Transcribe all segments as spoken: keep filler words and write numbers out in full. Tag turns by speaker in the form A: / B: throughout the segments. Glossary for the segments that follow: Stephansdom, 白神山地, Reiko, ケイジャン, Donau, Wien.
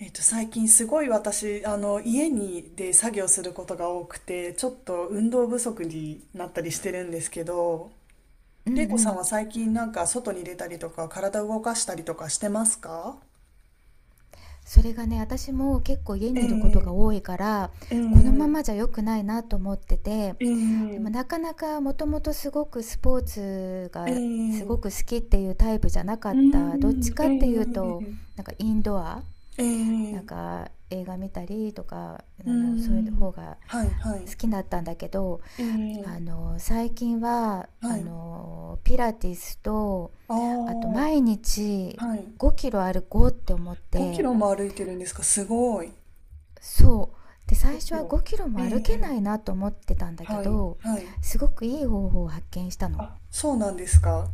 A: えっと、最近すごい私、あの、家にで作業することが多くて、ちょっと運動不足になったりしてるんですけど、
B: うんう
A: 玲子さん
B: ん。
A: は最近なんか外に出たりとか、体動かしたりとかしてますか？
B: それがね、私も結構家
A: え
B: にいることが
A: え、
B: 多いから、
A: え
B: このま
A: え、
B: まじゃ良くないなと思ってて、
A: え
B: でも
A: え、
B: なかなかもともとすごくスポーツ
A: え
B: がすご
A: え、
B: く好きっていうタイプじゃなか
A: うー
B: った。どっち
A: ん、え
B: かっていう
A: え、
B: と、なんかインドア、
A: え
B: なん
A: え、
B: か映画見たりとか
A: うー
B: あのそういう
A: ん、
B: 方が
A: はい、はい、
B: 好きだったんだけど、
A: ええ、
B: あの最近は
A: は
B: あ
A: い、
B: のピラティスと、
A: あ
B: あと
A: あ、
B: 毎日
A: はい。
B: ごキロ歩こうって思っ
A: 5キ
B: て。
A: ロも歩いてるんですか？すごい。
B: そう。で、最
A: 5
B: 初
A: キ
B: は
A: ロ。
B: ごキロも
A: え
B: 歩けな
A: え、
B: いなと思ってたんだけ
A: はい、
B: ど、
A: はい。
B: すごくいい方法を発見したの。
A: あ、そうなんですか。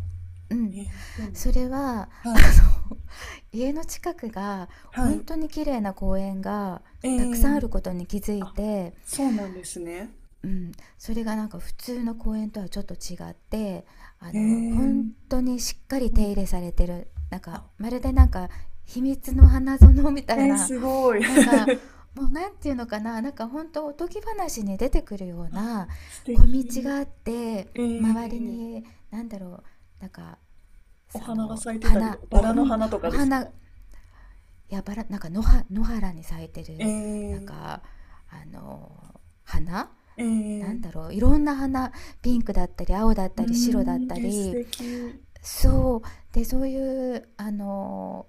B: う
A: え
B: ん、
A: ー、どん
B: それは、
A: な。
B: あ
A: はい、
B: の 家の近くが
A: は
B: 本
A: い。
B: 当に綺麗な公園が
A: え
B: たくさんある
A: ー、
B: ことに気づい
A: あ、
B: て、
A: そうなんですね。
B: うん、それがなんか普通の公園とはちょっと違って、あ
A: え
B: の、本
A: ー、
B: 当にしっかり
A: は
B: 手
A: い。
B: 入れされてる、なんか
A: あ、
B: まるでなんか秘密の花園みた
A: え
B: い
A: ー、
B: な。
A: すごい。
B: なんか、もうなんていうのかな、なんかほんとおとぎ話に出てくるよう
A: あ、
B: な
A: 素
B: 小道
A: 敵。
B: があって、
A: え
B: 周り
A: ー、
B: に、なんだろう、なんか、
A: お
B: そ
A: 花が
B: の、
A: 咲いてたり、
B: 花、お、
A: バラ
B: う
A: の
B: ん、
A: 花とか
B: お
A: ですか？
B: 花、やばら、なんか野は野原に咲いて
A: え
B: る、なん
A: ー、
B: か、あの、花
A: え
B: な
A: ー、
B: んだろう、いろんな花、ピンクだったり青だっ
A: うー
B: たり白だっ
A: ん、
B: た
A: えー、素
B: り。
A: 敵。
B: そうでそういう、あの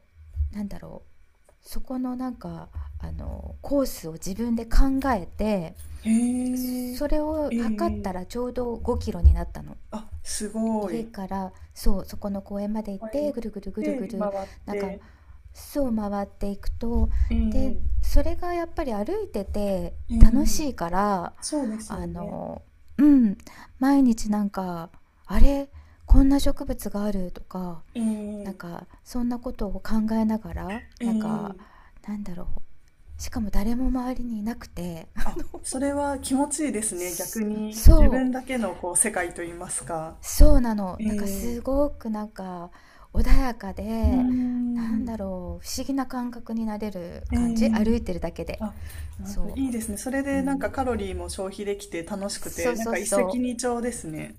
B: なんだろう、そこの、なんかあのコースを自分で考えて、
A: へえー、
B: それを
A: え
B: 測った
A: ー、
B: らちょうどごキロになったの。
A: あ、すご
B: 家
A: い。
B: から、そう、そこの公園まで行っ
A: はい。
B: てぐるぐるぐるぐ
A: で、回
B: る、
A: っ
B: なんか
A: て、
B: 巣を回っていくと、
A: え
B: で、
A: え、
B: それがやっぱり歩いてて
A: ええ。
B: 楽しいから、
A: そうです
B: あ
A: よね。
B: のうん、毎日なんか、あれ、こんな植物があるとか、
A: え
B: なん
A: え
B: かそんなことを考えながら、
A: え
B: なんか、
A: え。
B: なんだろう、しかも誰も周りにいなくて
A: あ、それは気持ちいいですね。逆 に自
B: そう、
A: 分だけのこう世界といいますか。
B: そうなの、
A: え
B: なんか
A: え、
B: すごくなんか穏やか
A: うい。
B: で、なん
A: ん。
B: だろう、不思議な感覚になれる
A: え
B: 感じ、
A: え、
B: 歩いてるだけで。
A: あ、なるほど。
B: そ
A: いいですね。それ
B: う、う
A: でなんか
B: ん、
A: カロリーも消費できて楽しく
B: そ
A: て、
B: う
A: なん
B: そう
A: か一石
B: そ
A: 二鳥ですね。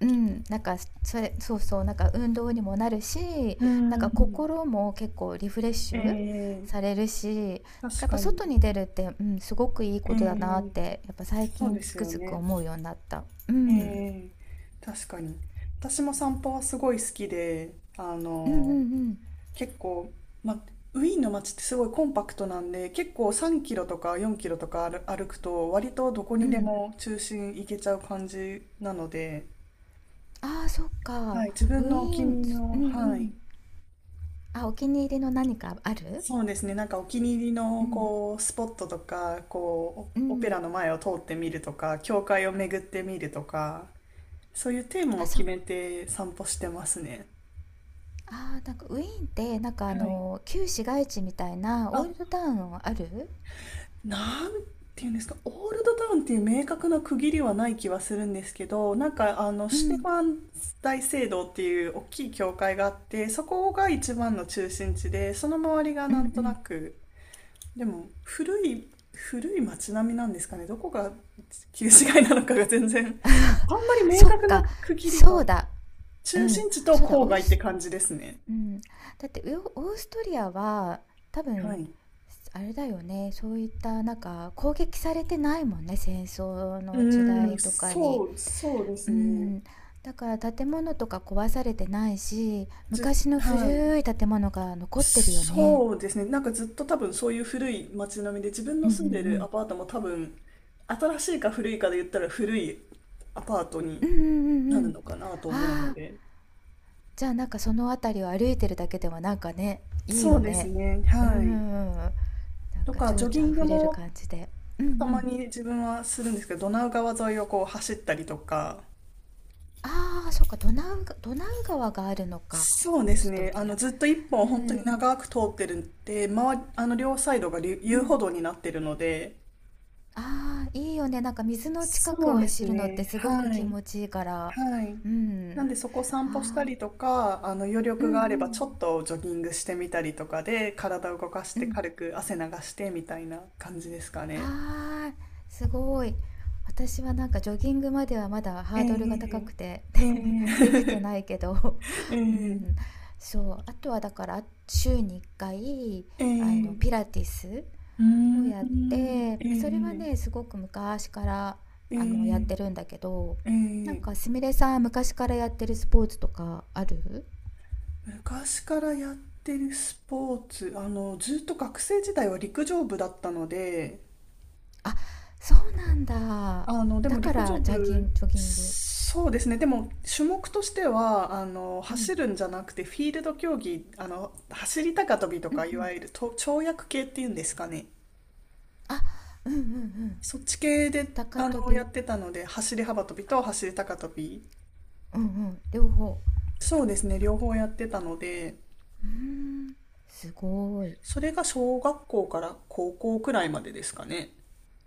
B: う、うん、なんか、それ、そうそう、なんか運動にもなるし、
A: う
B: なんか
A: ん。
B: 心も結構リフレッシ
A: え
B: ュ
A: え、
B: されるし、なんかや
A: 確
B: っぱ
A: かに。
B: 外に出るって、うん、すごくいい
A: え
B: ことだなっ
A: え、
B: てやっぱ最
A: そう
B: 近
A: で
B: つ
A: す
B: く
A: よ
B: づく
A: ね。
B: 思うようになった。う
A: え
B: ん
A: え、確かに。私も散歩はすごい好きで、あ
B: うんう
A: の、
B: ん
A: 結構、まあ、ウィーンの街ってすごいコンパクトなんで、結構さんキロとかよんキロとか歩歩くと、割とどこ
B: うん。
A: に
B: う
A: で
B: ん。
A: も中心行けちゃう感じなので、
B: ああ、そっ
A: は
B: か。
A: い、自分
B: ウィ
A: のお気
B: ー
A: に
B: ン、
A: 入り
B: う
A: の、
B: んう
A: はい、
B: ん。あ、お気に入りの何かある？
A: そうですね、なんかお気に入り
B: う
A: の
B: ん。
A: こうスポットとか、こう
B: う
A: オオペ
B: ん。
A: ラの前を通ってみるとか、教会を巡ってみるとか、そういうテーマ
B: あ、
A: を
B: そ
A: 決めて散歩してますね。
B: あーなんかウィーンって、なんかあ
A: はい。
B: の、旧市街地みたいなオー
A: あ、
B: ルドタウンある？
A: なんていうんですか、オールドタウンっていう明確な区切りはない気はするんですけど、なんかあの
B: う
A: シュテフ
B: ん。
A: ァン大聖堂っていう大きい教会があって、そこが一番の中心地で、その周りが
B: うんう
A: なんとな
B: ん。
A: く、でも古い、古い街並みなんですかね、どこが旧市街なのかが全然 あんまり明
B: そっ
A: 確な
B: か、
A: 区切り
B: そ
A: が、
B: うだ。う
A: 中
B: ん。
A: 心地と
B: そうだ、
A: 郊
B: オー
A: 外って
B: ス
A: 感じですね。
B: うん。だってウオーストリアは多
A: は
B: 分、
A: い。
B: あれだよね、そういったなんか攻撃されてないもんね、戦争
A: う
B: の時
A: ーん、
B: 代とかに。
A: そう、そうで
B: う
A: すね。
B: ん、だから建物とか壊されてないし、
A: じ、
B: 昔の
A: はい。
B: 古い建物が残ってるよね。
A: そうですね。なんかずっと多分そういう古い街並みで、自分の
B: うんう
A: 住んでるア
B: ん
A: パートも多分、新しいか古いかで言ったら古いアパート
B: う
A: に
B: ん。うんうんう
A: な
B: んう
A: る
B: ん。
A: のかなと思うの
B: ああ、
A: で。
B: じゃあなんかその辺りを歩いてるだけでもなんかね、いい
A: そ
B: よ
A: うです
B: ね。
A: ね。
B: うんう
A: は
B: ん
A: い。
B: うん。なん
A: と
B: か
A: か、
B: 情緒
A: ジョギ
B: あ
A: ング
B: ふれる
A: も
B: 感じで。うんう
A: たま
B: ん。
A: に自分はするんですけど、ドナウ川沿いをこう走ったりとか、
B: ああ、そっか、ドナウが、ドナウ川があるのか、
A: そう
B: オ
A: で
B: ー
A: す
B: スト
A: ね。
B: リ
A: あの、
B: ア。
A: ずっと一本
B: う
A: 本当に
B: ん、
A: 長く通ってるんで、まあの、両サイドがり
B: う
A: 遊
B: ん。
A: 歩道になってるので、
B: ああ、いいよね。なんか水の近く
A: そう
B: を
A: です
B: 走るのって
A: ね。
B: すごく
A: は
B: 気
A: い。
B: 持ちいいから。
A: はい。
B: う
A: な
B: ん。
A: んでそこ散歩した
B: ああ、
A: りとか、あの余
B: うん
A: 力
B: う
A: があれば
B: ん、
A: ちょっとジョギングしてみたりとかで、体を動かし
B: う
A: て
B: ん。
A: 軽く汗流してみたいな感じですかね。
B: ああ、すごい。私はなんかジョギングまではまだ
A: え
B: ハードルが高
A: え
B: くて
A: え
B: できて
A: え
B: ないけど。 う
A: え
B: ん、
A: え
B: そう、あとはだから週にいっかい、
A: え
B: あの
A: え、
B: ピラティス
A: うー
B: を
A: ん、
B: やって、まあ、それは
A: え
B: ね、
A: え
B: すごく昔からあのやっ
A: え
B: てるんだけど、
A: ええ
B: なんか
A: え、
B: すみれさん昔からやってるスポーツとかある？
A: 昔からやってるスポーツ、あの、ずっと学生時代は陸上部だったので、
B: あ、そうなんだ。
A: あの、で
B: だ
A: も
B: か
A: 陸上
B: らジャギ
A: 部、
B: ン、ジョギング。
A: そうですね。でも種目としては、あの、
B: うん。
A: 走るんじゃなくてフィールド競技、あの、走り高跳びと
B: うん
A: か、い
B: う
A: わ
B: ん。
A: ゆると跳躍系っていうんですかね。
B: あ、うんうんうん。
A: そっち系で、
B: 高
A: あ
B: 跳
A: の、や
B: び、
A: ってたので、走り幅跳びと走り高跳び。
B: うんうん、両方。
A: そうですね。両方やってたので、
B: うーん、すごーい。
A: それが小学校から高校くらいまでですかね。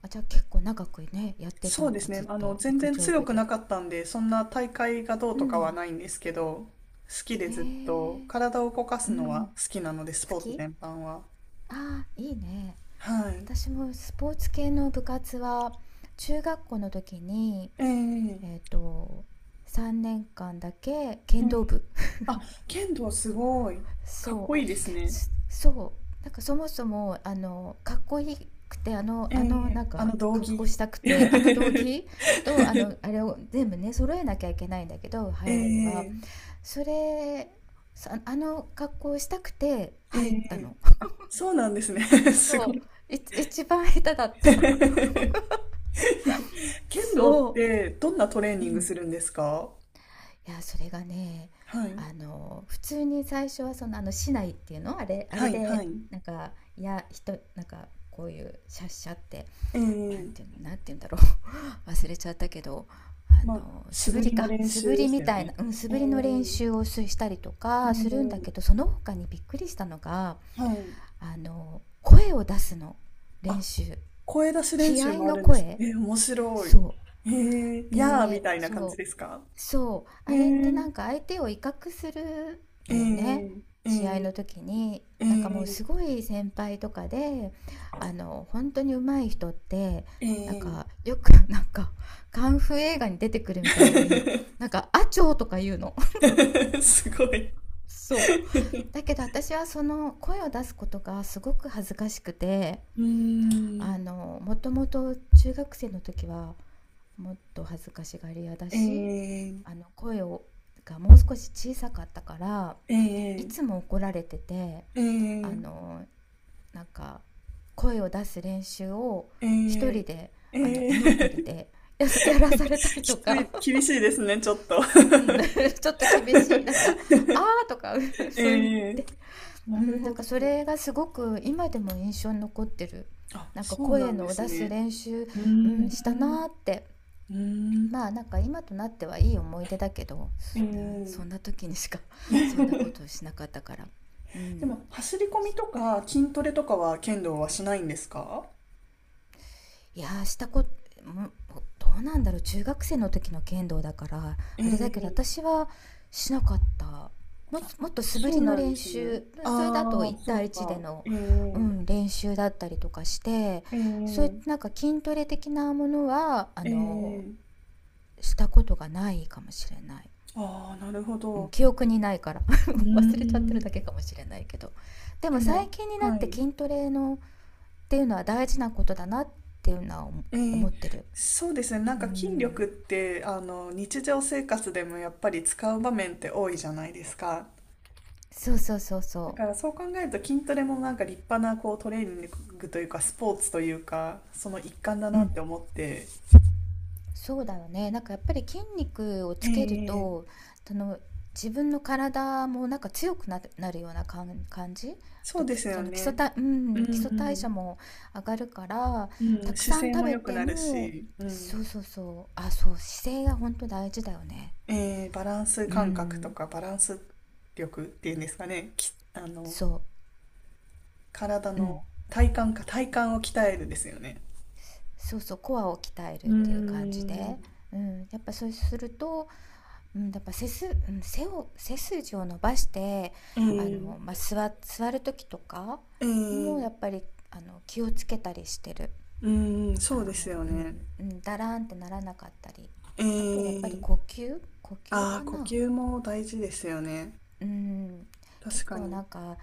B: あ、じゃあ結構長くね、やってた
A: そう
B: ん
A: で
B: だ、
A: す
B: ず
A: ね。
B: っ
A: あの、
B: と
A: 全
B: 陸
A: 然
B: 上
A: 強
B: 部
A: くな
B: で。
A: かったんで、そんな大会がどう
B: う
A: とかは
B: ん。
A: ないんですけど、好きで
B: へ
A: ずっと
B: え、
A: 体を動か
B: う
A: すの
B: ん。
A: は好きなので、ス
B: 好
A: ポーツ
B: き？
A: 全般は。
B: あー、いいね。
A: はい。
B: 私もスポーツ系の部活は中学校の時に、
A: ええ
B: えっと、さんねんかんだけ
A: え
B: 剣道
A: え、
B: 部。
A: あ、剣道すごい。かっ
B: そ
A: こいいです
B: う
A: ね。
B: すそう、なんかそもそもあのかっこいいくて、あの
A: え
B: あの
A: え、
B: なん
A: あ
B: か
A: の、道
B: 格好
A: 着。
B: したくて、あの道 着と、あのあれを全部ね揃えなきゃいけないんだけど
A: え
B: 入るには。
A: え
B: それさ、あの格好をしたくて
A: え
B: 入った
A: え、
B: の。
A: そうなんですね。すご
B: そ
A: い。
B: うい一番下手だった。
A: 剣道っ
B: そ
A: てどんなトレー
B: う、
A: ニ
B: う
A: ング
B: ん、
A: するんですか？
B: いやそれがね、
A: はい。
B: あの普通に最初はその、あの市内っていうのあれ、あ
A: は
B: れ
A: い、は
B: で
A: い。
B: なんか、いや、人なんかこういうシャッシャって、
A: え
B: なんてい
A: え、
B: うなんていうんだろう 忘れちゃったけど、
A: ま
B: あ
A: あ、
B: の
A: 素
B: 素振
A: 振
B: り
A: りの
B: か
A: 練
B: 素振
A: 習で
B: り
A: した
B: み
A: よ
B: たい
A: ね。
B: な、うん、素
A: え
B: 振りの練
A: え、
B: 習をしたりと
A: え
B: かするんだけど、
A: え、
B: その他にびっくりしたのが、
A: はい。
B: あの声を出すの練
A: あ、
B: 習、
A: 声出し練
B: 気
A: 習
B: 合
A: もあ
B: の
A: るんです。
B: 声。
A: ええ、面白い。
B: そう
A: ええ、やーみ
B: で、
A: たいな感じ
B: そ
A: ですか？
B: うそう、
A: え
B: あ
A: え、
B: れってなんか相手を威嚇するん
A: え
B: だよね。
A: え、え
B: 試合
A: え、
B: の時に、
A: え
B: なんかもう
A: え、
B: すごい先輩とかで、あの、本当に上手い人って、なん
A: え
B: かよく なんかカンフー映画に出てくるみたいに、なんか「アチョー」とか言うの。
A: え。すごい。
B: そう。だけど私はその声を出すことがすごく恥ずかしくて、
A: うー
B: あ
A: ん、
B: の、もともと中学生の時はもっと恥ずかしがり屋だ
A: え
B: し、
A: え、
B: あの声をがもう少し小さかったから、
A: え
B: い
A: え、
B: つも怒られてて、
A: え
B: あ
A: え、
B: のなんか声を出す練習を
A: え
B: 一人
A: え、
B: で、
A: え
B: あの居残
A: え。
B: りで、や やらさ れたり
A: き
B: と
A: つ
B: か。
A: い、厳しいですね、ちょっと。
B: うん、ちょっと厳しい、 なんか「あー」とか
A: え
B: そう言っ
A: え、
B: て、う
A: なる
B: ん、な
A: ほ
B: んか
A: ど。
B: それがすごく今でも印象に残ってる。
A: あ、
B: なんか
A: そうな
B: 声
A: んで
B: の
A: す
B: 出す
A: ね。
B: 練習、
A: うー
B: う
A: ん、
B: ん、したなーって。
A: うーん、
B: まあ、なんか今となってはいい思い出だけど、うん、そ
A: え
B: んな時にしか そんなこ
A: え
B: とをしなかったから。う
A: で
B: ん、
A: も、走り込みとか筋トレとかは剣道はしないんですか？
B: いやー、したことどうなんだろう、中学生の時の剣道だから
A: え
B: あれだけど、
A: え、
B: 私はしなかった。もっともっと素振
A: そ
B: り
A: う
B: の
A: なんで
B: 練
A: すね。
B: 習、それだと
A: あ
B: 一
A: あ、そう
B: 対一で
A: か。
B: の、
A: え
B: う
A: え、
B: ん、練習だったりとかして、
A: え
B: そういっ
A: え、
B: たなんか筋トレ的なものは、あ
A: え
B: の
A: え。
B: したことがないかもしれない。
A: ああ、なるほ
B: うん、
A: ど。
B: 記憶にないから
A: うー
B: 忘れちゃってるだ
A: ん。
B: けかもしれないけど、で
A: で
B: も
A: も、
B: 最近にな
A: は
B: って
A: い。
B: 筋トレのっていうのは大事なことだなっていうのは
A: え
B: 思
A: ー
B: ってる。
A: そうですね。なん
B: う
A: か筋力
B: ん、
A: って、あの、日常生活でもやっぱり使う場面って多いじゃないですか。
B: そうそうそう
A: だ
B: そ
A: からそう考えると筋トレもなんか立派なこうトレーニングというかスポーツというか、その一環だ
B: う、う
A: なっ
B: ん、
A: て思って。
B: そうだよね、なんかやっぱり筋肉をつける
A: ええ、
B: とその自分の体もなんか強くななるような感感じ、あ
A: そう
B: と
A: で
B: き、
A: すよ
B: その基礎
A: ね。
B: 代、う
A: うん、
B: ん、基
A: う
B: 礎代
A: ん、
B: 謝も上がるから、
A: う
B: た
A: ん、
B: く
A: 姿
B: さん
A: 勢
B: 食
A: も
B: べ
A: 良く
B: て
A: なる
B: も、
A: し、うん、
B: そうそうそう、あ、そう、姿勢が本当大事だよね。
A: えー、バランス
B: う
A: 感覚と
B: ん、
A: かバランス力っていうんですかね、き、あの、
B: そ
A: 体
B: う、う
A: の
B: ん、
A: 体幹か、体幹を鍛えるですよね。
B: そうそうコアを鍛える
A: うー
B: っていう感じ
A: ん。
B: で、うん、やっぱそうすると、うん、やっぱ背す、うん、背を背筋を伸ばして、
A: え
B: あ
A: ー、
B: の、まあ、座座る時とか
A: え
B: も
A: ー、
B: やっぱり、あの気をつけたりしてる、
A: うーん、
B: あ
A: そうです
B: の、
A: よ
B: う
A: ね。
B: んうん、だらーんってならなかったり、
A: え
B: あとやっぱり
A: ー、
B: 呼吸呼吸
A: ああ、
B: か
A: 呼
B: な、
A: 吸も大事ですよね。
B: うん、
A: 確
B: 結
A: か
B: 構な
A: に。
B: んか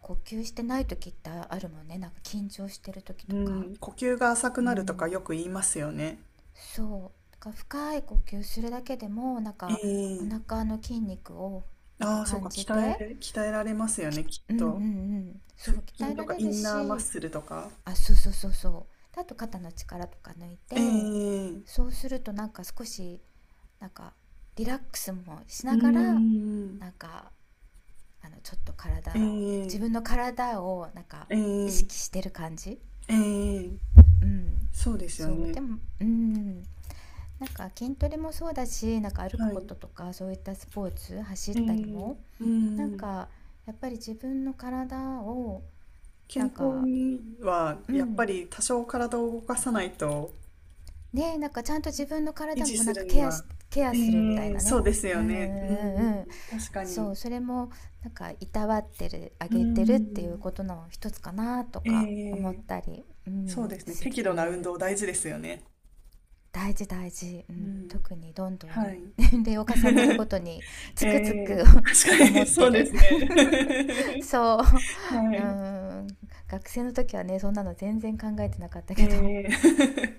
B: 呼吸してない時ってあるもんね、なんか緊張してる時
A: う
B: とか。
A: ん、呼吸が浅く
B: う
A: なるとかよ
B: ん、
A: く言いますよね。
B: そう、なんか深い呼吸するだけでも、なん
A: え
B: かお
A: ー、
B: 腹の筋肉をなんか
A: ああ、そうか、
B: 感じ
A: 鍛
B: て、
A: え、鍛えられますよ
B: き、
A: ね、きっ
B: うんうんう
A: と。
B: ん、そ
A: 腹
B: う、鍛
A: 筋
B: え
A: と
B: ら
A: か
B: れ
A: イ
B: る
A: ンナーマッ
B: し、
A: スルとか。
B: あ、そうそうそうそう。で、あと肩の力とか抜い
A: え
B: て、
A: ー、
B: そうするとなんか少し、なんかリラックスもし
A: うー
B: ながら、
A: ん、
B: なんか、あの、ちょっと
A: え
B: 体、自
A: ー、
B: 分の体をなんか
A: え
B: 意
A: ー、
B: 識してる感じ。
A: えー、
B: うん。
A: そうですよ
B: そう、
A: ね。
B: でも、うん。なんか筋トレもそうだし、なんか歩く
A: は
B: こ
A: い。
B: ととかそういったスポーツ、走っ
A: え
B: たり
A: ー、
B: も、
A: う
B: なん
A: ーん。
B: かやっぱり自分の体を、な
A: 健
B: ん
A: 康
B: か、
A: には
B: う
A: やっぱ
B: ん、
A: り多少体を動かさないと
B: ねえ、なんかちゃんと自分の
A: 維
B: 体
A: 持
B: も
A: す
B: なん
A: る
B: か
A: に
B: ケア
A: は、
B: しケア
A: え
B: するみたい
A: え、
B: な
A: そう
B: ね。
A: です
B: う
A: よ
B: んうんう
A: ね。うん、
B: んうん、
A: 確か
B: そ
A: に。
B: う、それもなんかいたわってるあ
A: う
B: げてるっていう
A: ん、
B: ことの一つかなと
A: え
B: か思っ
A: え、
B: たり、う
A: そう
B: ん、
A: ですね。
B: す
A: 適度な運
B: る。
A: 動大事ですよね。
B: 大事大事、う
A: う
B: ん、
A: ん、
B: 特にどんど
A: は
B: ん
A: い。
B: 年齢を重ねるご とに、つ
A: え
B: くづく
A: え、確 か
B: 思
A: に
B: っ
A: そ
B: て
A: うで
B: る
A: すね。
B: そう、
A: は
B: う
A: い。
B: ん、学生の時はね、そんなの全然考えてなかったけど。
A: ええ